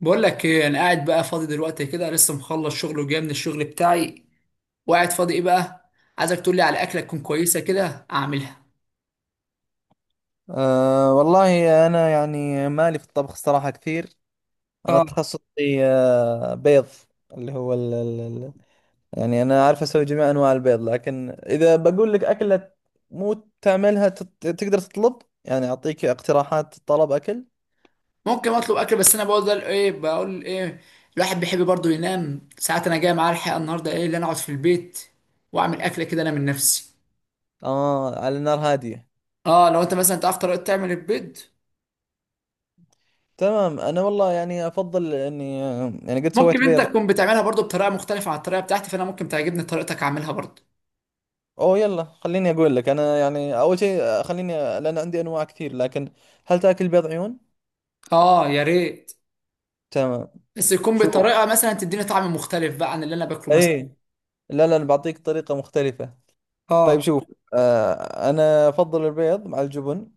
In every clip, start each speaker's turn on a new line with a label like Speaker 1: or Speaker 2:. Speaker 1: بقول لك ايه، انا قاعد بقى فاضي دلوقتي كده، لسه مخلص شغل وجاي من الشغل بتاعي وقاعد فاضي. ايه بقى عايزك تقول لي على اكله تكون كويسه كده اعملها.
Speaker 2: أه والله أنا يعني مالي في الطبخ الصراحة كثير. أنا
Speaker 1: اه
Speaker 2: تخصصي بيض. اللي هو ال ال ال يعني أنا أعرف أسوي جميع أنواع البيض، لكن إذا بقول لك أكلة مو تعملها تقدر تطلب، يعني أعطيك اقتراحات طلب أكل.
Speaker 1: ممكن اطلب اكل، بس انا بقول ده ايه، بقول ايه. الواحد بيحب برضه ينام ساعات، انا جاي معاه الحقيقه النهارده. ايه اللي انا اقعد في البيت واعمل اكله كده انا من نفسي.
Speaker 2: آه، على نار هادية.
Speaker 1: اه لو انت مثلا تعرف طريقه تعمل البيض.
Speaker 2: تمام، أنا والله يعني أفضل إني يعني قد
Speaker 1: ممكن
Speaker 2: سويت
Speaker 1: انت
Speaker 2: بيض.
Speaker 1: تكون بتعملها برضه بطريقه مختلفه عن الطريقه بتاعتي، فانا ممكن تعجبني طريقتك اعملها برضه.
Speaker 2: أوه يلا، خليني أقول لك. أنا يعني أول شيء خليني، لأن عندي أنواع كثير. لكن هل تاكل بيض عيون؟
Speaker 1: اه يا ريت،
Speaker 2: تمام.
Speaker 1: بس يكون
Speaker 2: شوف.
Speaker 1: بطريقه مثلا تديني طعم مختلف بقى عن اللي انا باكله مثلا.
Speaker 2: ايه. لا لا، أنا بعطيك طريقة مختلفة. طيب
Speaker 1: اه
Speaker 2: شوف. أنا أفضل البيض مع الجبن،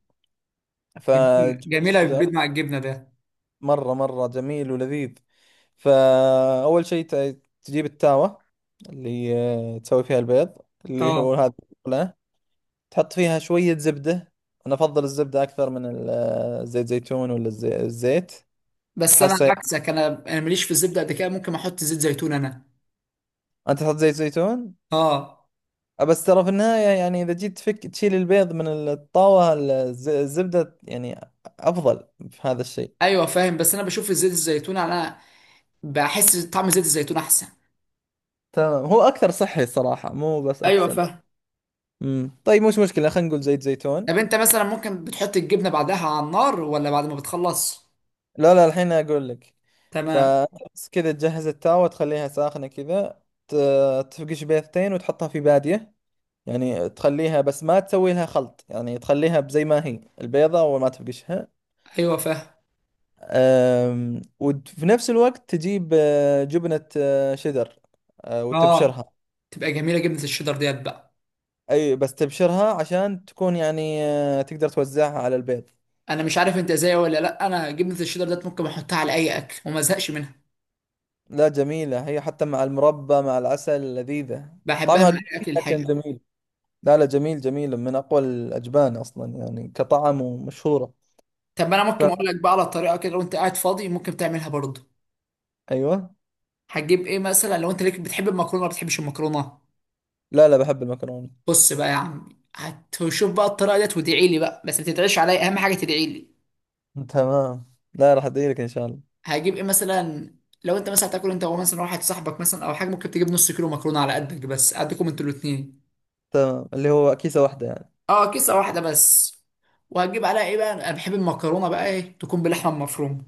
Speaker 1: جميل،
Speaker 2: فجبن
Speaker 1: جميله بالبيض
Speaker 2: الشيدر
Speaker 1: مع الجبنه ده.
Speaker 2: مرة مرة جميل ولذيذ. فأول شيء تجيب التاوة اللي تسوي فيها البيض، اللي هو
Speaker 1: اه
Speaker 2: هذا. لا، تحط فيها شوية زبدة. أنا أفضل الزبدة أكثر من زيت زيتون، ولا الزيت.
Speaker 1: بس انا
Speaker 2: أحسه.
Speaker 1: عكسك، انا ماليش في الزبده قد كده، ممكن احط زيت زيتون انا.
Speaker 2: أنت تحط زيت زيتون.
Speaker 1: اه
Speaker 2: بس ترى في النهاية يعني إذا جيت تفك تشيل البيض من الطاوة الزبدة يعني أفضل في هذا الشيء.
Speaker 1: ايوه فاهم، بس انا بشوف زيت الزيتون انا، بحس طعم زيت الزيتون احسن.
Speaker 2: تمام، هو أكثر صحي صراحة، مو بس
Speaker 1: ايوه
Speaker 2: أحسن.
Speaker 1: فاهم.
Speaker 2: طيب، مش مشكلة، خلينا نقول زيت زيتون.
Speaker 1: طب انت مثلا ممكن بتحط الجبنه بعدها على النار ولا بعد ما بتخلص؟
Speaker 2: لا لا، الحين أقول لك.
Speaker 1: تمام.
Speaker 2: فبس كذا تجهز التاوة، تخليها ساخنة كذا. تفقش بيضتين وتحطها في بادية، يعني تخليها، بس ما تسوي لها خلط، يعني تخليها زي ما هي البيضة وما تفقشها.
Speaker 1: ايوه فاهم.
Speaker 2: وفي نفس الوقت تجيب جبنة شيدر.
Speaker 1: اه
Speaker 2: وتبشرها.
Speaker 1: تبقى جميله جبنه الشيدر ديت بقى.
Speaker 2: أي بس تبشرها عشان تكون يعني تقدر توزعها على البيض.
Speaker 1: انا مش عارف انت زيي ولا لا، انا جبنه الشيدر ديت ممكن احطها على اي اكل وما ازهقش منها.
Speaker 2: لا جميلة، هي حتى مع المربى مع العسل لذيذة.
Speaker 1: بحبها مع
Speaker 2: طعمها قوي،
Speaker 1: اي اكل
Speaker 2: لكن
Speaker 1: الحقيقه.
Speaker 2: جميل. لا لا، جميل جميل، من أقوى الأجبان أصلا يعني كطعم، ومشهورة.
Speaker 1: طب انا ممكن
Speaker 2: ف...
Speaker 1: اقول لك بقى على طريقه كده، لو انت قاعد فاضي ممكن تعملها برضه.
Speaker 2: أيوة.
Speaker 1: هتجيب ايه مثلا؟ لو انت ليك بتحب المكرونه، ما بتحبش المكرونه؟
Speaker 2: لا لا، بحب المكرونة.
Speaker 1: بص بقى يا عم، هتشوف بقى الطريقه ديت، وادعي لي بقى، بس ما تدعيش عليا، اهم حاجه تدعي لي.
Speaker 2: تمام، لا، راح أدعي لك إن شاء الله.
Speaker 1: هجيب ايه مثلا؟ لو انت مثلا تاكل انت ومثلا واحد صاحبك مثلا او حاجه، ممكن تجيب 1/2 كيلو مكرونه على قدك، بس قدكم انتوا الاثنين.
Speaker 2: تمام، اللي هو كيسة واحدة يعني.
Speaker 1: اه كيسه واحده بس. وهتجيب عليها ايه بقى؟ انا بحب المكرونه بقى ايه تكون باللحمه المفرومه.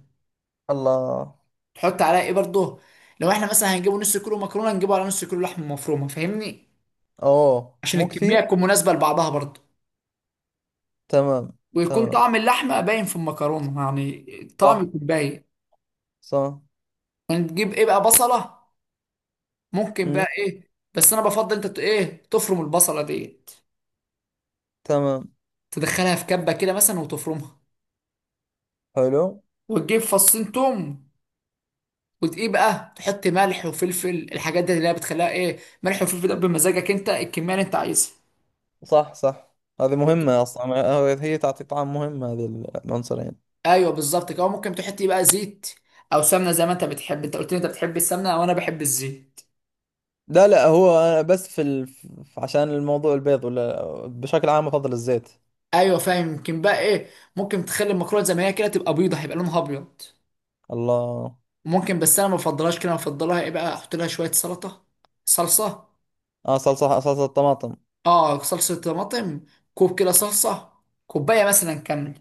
Speaker 2: الله.
Speaker 1: تحط عليها ايه برضه؟ لو احنا مثلا هنجيبوا 1/2 كيلو مكرونه، نجيبه على 1/2 كيلو لحمه مفرومه، فاهمني؟
Speaker 2: أوه،
Speaker 1: عشان
Speaker 2: مو كثير.
Speaker 1: الكمية تكون مناسبة لبعضها برضه،
Speaker 2: تمام.
Speaker 1: ويكون
Speaker 2: تمام.
Speaker 1: طعم اللحمة باين في المكرونة، يعني الطعم
Speaker 2: صح.
Speaker 1: يكون باين.
Speaker 2: صح.
Speaker 1: هنجيب ايه بقى؟ بصلة. ممكن
Speaker 2: مم.
Speaker 1: بقى ايه، بس انا بفضل انت ايه تفرم البصلة ديت،
Speaker 2: تمام.
Speaker 1: تدخلها في كبة كده مثلا وتفرمها.
Speaker 2: حلو.
Speaker 1: وتجيب 2 توم، وتقيه بقى، تحط ملح وفلفل، الحاجات دي اللي هي بتخليها ايه، ملح وفلفل ده بمزاجك انت، الكمية اللي انت عايزها.
Speaker 2: صح. صح. هذه
Speaker 1: وت-
Speaker 2: مهمة أصلا، هي تعطي طعم مهم هذه، العنصرين.
Speaker 1: ايوه بالظبط كده. ممكن تحط إيه بقى، زيت او سمنة زي ما انت بتحب. انت قلت لي انت بتحب السمنة وانا بحب الزيت.
Speaker 2: لا لا، هو أنا بس عشان الموضوع البيض، ولا بشكل عام أفضل الزيت.
Speaker 1: ايوه فاهم. يمكن بقى ايه، ممكن تخلي المكرونه زي ما هي كده تبقى بيضه، هيبقى لونها ابيض.
Speaker 2: الله.
Speaker 1: ممكن، بس انا ما بفضلهاش كده. أنا بفضلها ايه بقى، احط لها شويه سلطه، صلصه.
Speaker 2: آه، صلصة صلصة الطماطم.
Speaker 1: اه صلصه طماطم. كوب كده صلصه، كوبايه مثلا كامله.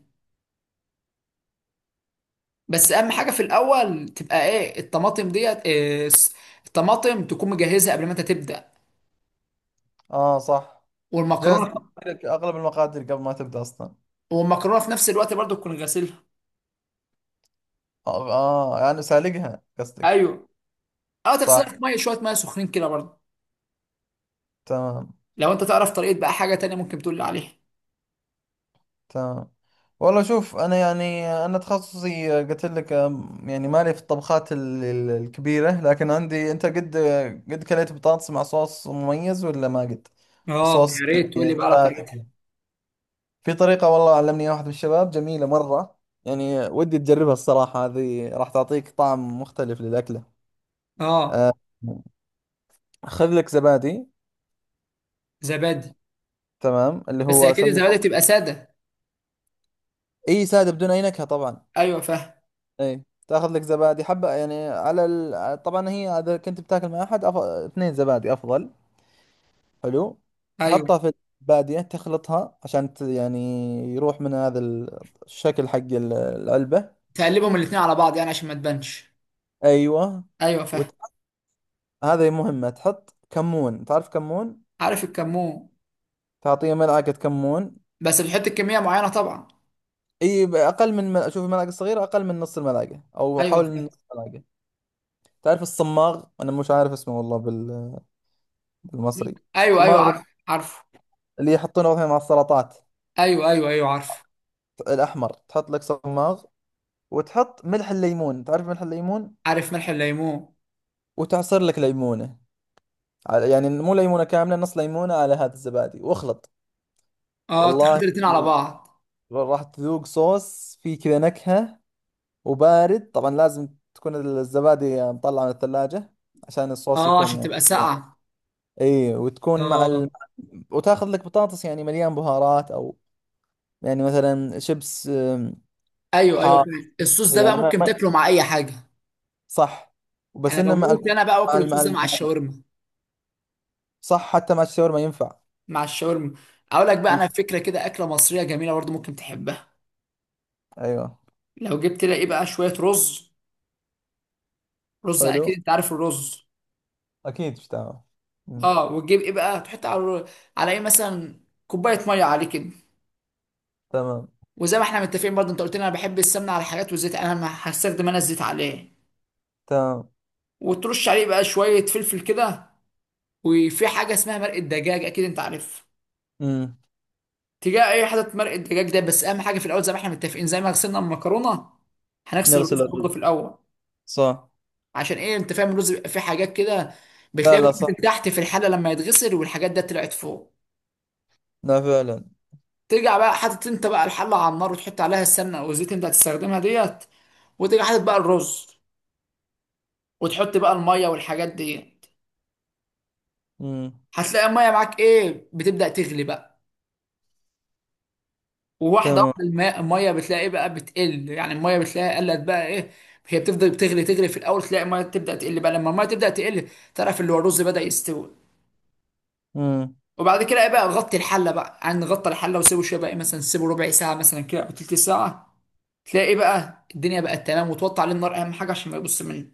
Speaker 1: بس اهم حاجه في الاول تبقى ايه، الطماطم ديت إيه، الطماطم تكون مجهزها قبل ما انت تبدا،
Speaker 2: آه، صح. جاهز
Speaker 1: والمكرونه.
Speaker 2: لك أغلب المقادير قبل ما تبدأ أصلا.
Speaker 1: والمكرونه في نفس الوقت برضو تكون غاسلها.
Speaker 2: آه، آه، يعني سالقها قصدك.
Speaker 1: ايوه. اه تغسلها في
Speaker 2: صح.
Speaker 1: ميه، شويه ميه سخنين كده برضو.
Speaker 2: تمام.
Speaker 1: لو انت تعرف طريقه بقى حاجه تانية ممكن تقول لي عليها.
Speaker 2: تمام، والله شوف، انا يعني انا تخصصي قلت لك يعني مالي في الطبخات الكبيره، لكن عندي انت قد، قد كليت بطاطس مع صوص مميز ولا ما قد.
Speaker 1: اه
Speaker 2: صوص،
Speaker 1: يا ريت تقول
Speaker 2: يعني
Speaker 1: لي بقى على
Speaker 2: سلطة
Speaker 1: طريقتها.
Speaker 2: كذا. في طريقه، والله علمني واحد من الشباب جميله مره، يعني ودي تجربها الصراحه، هذه راح تعطيك طعم مختلف للاكله.
Speaker 1: اه.
Speaker 2: أه، خذ لك زبادي.
Speaker 1: زبادي.
Speaker 2: تمام، اللي
Speaker 1: بس
Speaker 2: هو
Speaker 1: اكيد
Speaker 2: اسمي.
Speaker 1: الزبادي تبقى ساده.
Speaker 2: اي، ساده بدون اي نكهه طبعا.
Speaker 1: ايوه فاهم.
Speaker 2: اي، تاخذ لك زبادي حبة، يعني على طبعا هي، اذا كنت بتاكل مع احد، اثنين زبادي افضل. حلو.
Speaker 1: ايوه.
Speaker 2: تحطها في الزبادية، تخلطها عشان يعني يروح من هذا الشكل حق العلبة.
Speaker 1: تقلبهم الاتنين على بعض يعني عشان ما تبانش.
Speaker 2: ايوه.
Speaker 1: ايوه فاهم.
Speaker 2: وت... هذا مهمة، تحط كمون، تعرف كمون.
Speaker 1: عارف الكمون.
Speaker 2: تعطيه ملعقة كمون.
Speaker 1: بس بتحط كميه معينه طبعا.
Speaker 2: اي، اقل من شوف الملعقة الصغيرة، اقل من نص الملعقة او
Speaker 1: ايوه
Speaker 2: حول
Speaker 1: فاهم.
Speaker 2: نص الملعقة. تعرف الصماغ؟ انا مش عارف اسمه والله بالمصري
Speaker 1: ايوه ايوه
Speaker 2: الصماغ،
Speaker 1: عارف عارف.
Speaker 2: اللي يحطونه مثلا مع السلطات،
Speaker 1: ايوه ايوه ايوه عارف.
Speaker 2: الأحمر، تحط لك صماغ. وتحط ملح الليمون، تعرف ملح الليمون.
Speaker 1: عارف ملح الليمون.
Speaker 2: وتعصر لك ليمونة، يعني مو ليمونة كاملة، نص ليمونة على هذا الزبادي، واخلط.
Speaker 1: اه تخلط
Speaker 2: والله
Speaker 1: الاتنين على بعض.
Speaker 2: راح تذوق صوص فيه كذا نكهة. وبارد طبعا، لازم تكون الزبادي مطلعة من الثلاجة، عشان الصوص
Speaker 1: اه
Speaker 2: يكون
Speaker 1: عشان
Speaker 2: يعني.
Speaker 1: تبقى ساقعه.
Speaker 2: اي، وتكون مع
Speaker 1: اه.
Speaker 2: وتاخذ لك بطاطس يعني مليان بهارات، او يعني مثلا شيبس
Speaker 1: ايوه ايوه
Speaker 2: حار،
Speaker 1: فاهم. الصوص ده بقى
Speaker 2: يعني ما
Speaker 1: ممكن
Speaker 2: ما
Speaker 1: تاكله مع اي حاجه.
Speaker 2: صح، بس
Speaker 1: انا
Speaker 2: انه مع
Speaker 1: بموت انا بقى
Speaker 2: مع
Speaker 1: واكل
Speaker 2: مع
Speaker 1: الصوص ده مع الشاورما.
Speaker 2: صح، حتى مع الشاورما ينفع.
Speaker 1: مع الشاورما. اقول لك بقى
Speaker 2: يك.
Speaker 1: انا فكره كده، اكله مصريه جميله برضه ممكن تحبها.
Speaker 2: ايوه.
Speaker 1: لو جبت لها ايه بقى، شويه رز. رز،
Speaker 2: حلو.
Speaker 1: اكيد انت عارف الرز.
Speaker 2: اكيد، مش تمام. مم.
Speaker 1: اه. وتجيب ايه بقى، تحط على على ايه مثلا، كوبايه ميه عليه كده.
Speaker 2: تمام.
Speaker 1: وزي ما احنا متفقين برضه، انت قلت لي انا بحب السمنه على الحاجات والزيت، انا ما هستخدم انا الزيت عليه.
Speaker 2: تمام.
Speaker 1: وترش عليه بقى شويه فلفل كده. وفي حاجه اسمها مرق الدجاج، اكيد انت عارفها.
Speaker 2: مم.
Speaker 1: تجاه اي حاجه مرق الدجاج ده. بس اهم حاجه في الاول، زي ما احنا متفقين، زي ما غسلنا المكرونه، هنغسل
Speaker 2: نغسل
Speaker 1: الرز برضه في
Speaker 2: الرز.
Speaker 1: الاول.
Speaker 2: صح.
Speaker 1: عشان ايه؟ انت فاهم الرز بيبقى فيه حاجات كده،
Speaker 2: لا
Speaker 1: بتلاقيها
Speaker 2: لا،
Speaker 1: بتنزل
Speaker 2: صح.
Speaker 1: تحت في الحله لما يتغسل، والحاجات ده طلعت فوق.
Speaker 2: لا فعلا.
Speaker 1: ترجع بقى حاطط انت بقى الحله على النار، وتحط عليها السمنه او الزيت اللي انت هتستخدمها ديت. وتيجي حاطط بقى الرز، وتحط بقى الميه والحاجات ديت.
Speaker 2: مم.
Speaker 1: هتلاقي الميه معاك ايه بتبدا تغلي بقى. وواحده
Speaker 2: تمام.
Speaker 1: واحده الماء الميه بتلاقي ايه بقى بتقل، يعني الميه بتلاقيها قلت بقى ايه. هي بتفضل بتغلي تغلي في الاول، تلاقي الميه تبدا تقل بقى، لما الميه تبدا تقل تعرف اللي هو الرز بدا يستوي.
Speaker 2: مم.
Speaker 1: وبعد كده ايه بقى، نغطي الحله بقى، يعني نغطي الحله وسيبه شويه بقى إيه، مثلا سيبه 1/4 ساعه مثلا كده او 1/3 ساعه. تلاقي إيه بقى الدنيا بقت تمام، وتوطي عليه النار اهم حاجه عشان ما يبص منه.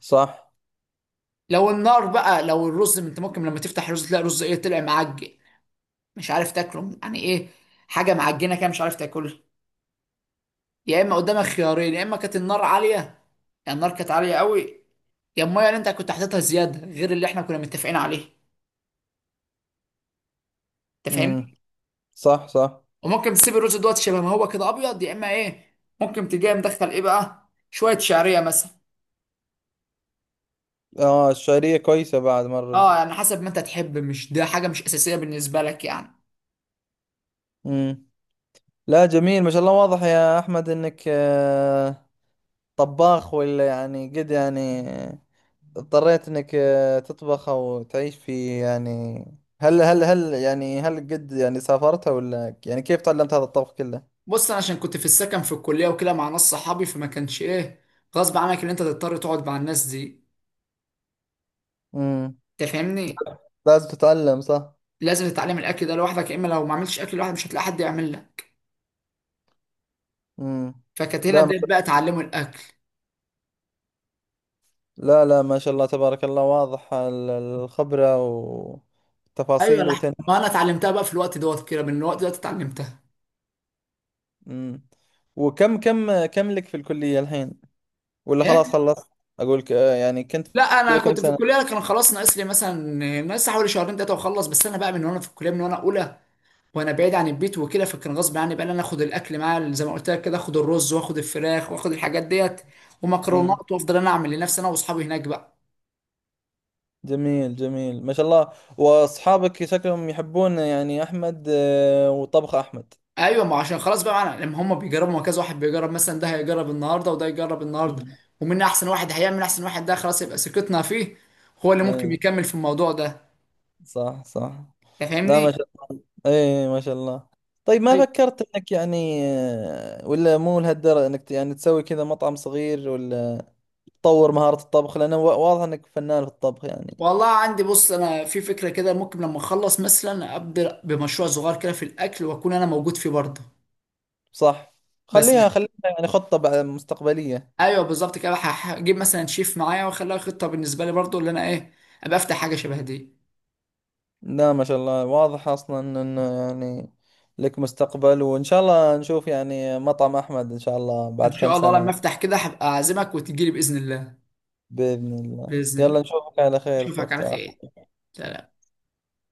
Speaker 2: صح.
Speaker 1: لو النار بقى، لو الرز انت ممكن لما تفتح الرز تلاقي رز ايه، طلع معجن، مش عارف تاكله يعني ايه، حاجه معجنه كده مش عارف تاكلها. يا اما قدامك خيارين، يا اما كانت النار عاليه، يعني النار كانت عاليه قوي، يا الميه اللي انت كنت حاططها زياده غير اللي احنا كنا متفقين عليه. انت
Speaker 2: مم.
Speaker 1: فاهمني.
Speaker 2: صح صح.
Speaker 1: وممكن تسيب الرز دوت شبه ما هو كده ابيض، يا اما ايه ممكن تجي مدخل ايه بقى شويه شعريه مثلا.
Speaker 2: اه، الشعرية كويسة بعد ما
Speaker 1: اه
Speaker 2: الرز.
Speaker 1: يعني حسب ما انت تحب، مش ده حاجه مش اساسيه بالنسبه لك يعني.
Speaker 2: مم. لا جميل، ما شاء الله، واضح يا احمد انك طباخ، ولا يعني قد يعني اضطريت انك تطبخ او تعيش في، يعني هل يعني هل قد يعني سافرت، ولا يعني كيف تعلمت هذا الطبخ كله؟
Speaker 1: بص انا عشان كنت في السكن في الكليه وكده مع ناس صحابي، فما كانش ايه، غصب عنك ان انت تضطر تقعد مع الناس دي،
Speaker 2: امم.
Speaker 1: تفهمني.
Speaker 2: لازم تتعلم صح؟
Speaker 1: لازم تتعلم الاكل ده لوحدك، يا اما لو ما عملتش اكل لوحدك مش هتلاقي حد يعمل لك.
Speaker 2: امم.
Speaker 1: فكانت هنا
Speaker 2: لا ما
Speaker 1: بدأت بقى
Speaker 2: شاء-
Speaker 1: اتعلموا الاكل.
Speaker 2: لا لا، ما شاء الله تبارك الله، واضح الخبرة
Speaker 1: ايوه
Speaker 2: والتفاصيل
Speaker 1: لا،
Speaker 2: وتن.
Speaker 1: ما انا اتعلمتها بقى في الوقت دوت كده، من الوقت دوت اتعلمتها.
Speaker 2: امم. وكم كم كم لك في الكلية الحين؟ ولا خلاص خلصت؟ اقول يعني كنت في
Speaker 1: لا انا
Speaker 2: الكلية كم
Speaker 1: كنت في
Speaker 2: سنة؟
Speaker 1: الكليه، أنا كان خلاص ناقص لي مثلا، ناقص حوالي شهرين ثلاثه واخلص. بس انا بقى من وانا في الكليه، من وانا اولى وانا بعيد عن البيت وكده، فكان غصب عني بقى إن انا اخد الاكل معايا زي ما قلت لك كده، اخد الرز واخد الفراخ واخد الحاجات ديت ومكرونات، وافضل انا اعمل لنفسي انا واصحابي هناك بقى.
Speaker 2: جميل جميل، ما شاء الله، واصحابك شكلهم يحبون يعني احمد وطبخ احمد.
Speaker 1: ايوه ما عشان خلاص بقى معنا لما هم بيجربوا، ما كذا واحد بيجرب مثلا، ده هيجرب النهارده وده يجرب النهارده.
Speaker 2: مم.
Speaker 1: ومين احسن واحد، هيعمل احسن واحد ده خلاص يبقى ثقتنا فيه، هو اللي ممكن
Speaker 2: ايه.
Speaker 1: يكمل في الموضوع ده.
Speaker 2: صح صح.
Speaker 1: أنت
Speaker 2: لا ما
Speaker 1: فاهمني.
Speaker 2: شاء ايه، ما شاء الله. طيب، ما فكرت انك يعني ولا مو لهالدرجة انك يعني تسوي كذا مطعم صغير، ولا تطور مهارة الطبخ، لانه واضح انك فنان في الطبخ يعني.
Speaker 1: والله عندي بص، انا في فكره كده ممكن لما اخلص مثلا ابدا بمشروع صغير كده في الاكل واكون انا موجود فيه برضه.
Speaker 2: صح.
Speaker 1: بس
Speaker 2: خليها خليها يعني خطة مستقبلية.
Speaker 1: ايوه بالظبط كده. هجيب مثلا شيف معايا واخليها خطه بالنسبه لي برضه، اللي انا ايه ابقى افتح حاجه شبه دي.
Speaker 2: لا ما شاء الله، واضح اصلا انه، يعني لك مستقبل، وان شاء الله نشوف يعني مطعم احمد ان شاء الله
Speaker 1: ان
Speaker 2: بعد كم
Speaker 1: شاء الله لما
Speaker 2: سنة.
Speaker 1: افتح كده هبقى اعزمك وتجيلي باذن الله.
Speaker 2: باذن الله،
Speaker 1: باذن الله.
Speaker 2: يلا نشوفك على خير في
Speaker 1: اشوفك
Speaker 2: وقت
Speaker 1: على
Speaker 2: آخر.
Speaker 1: خير. سلام.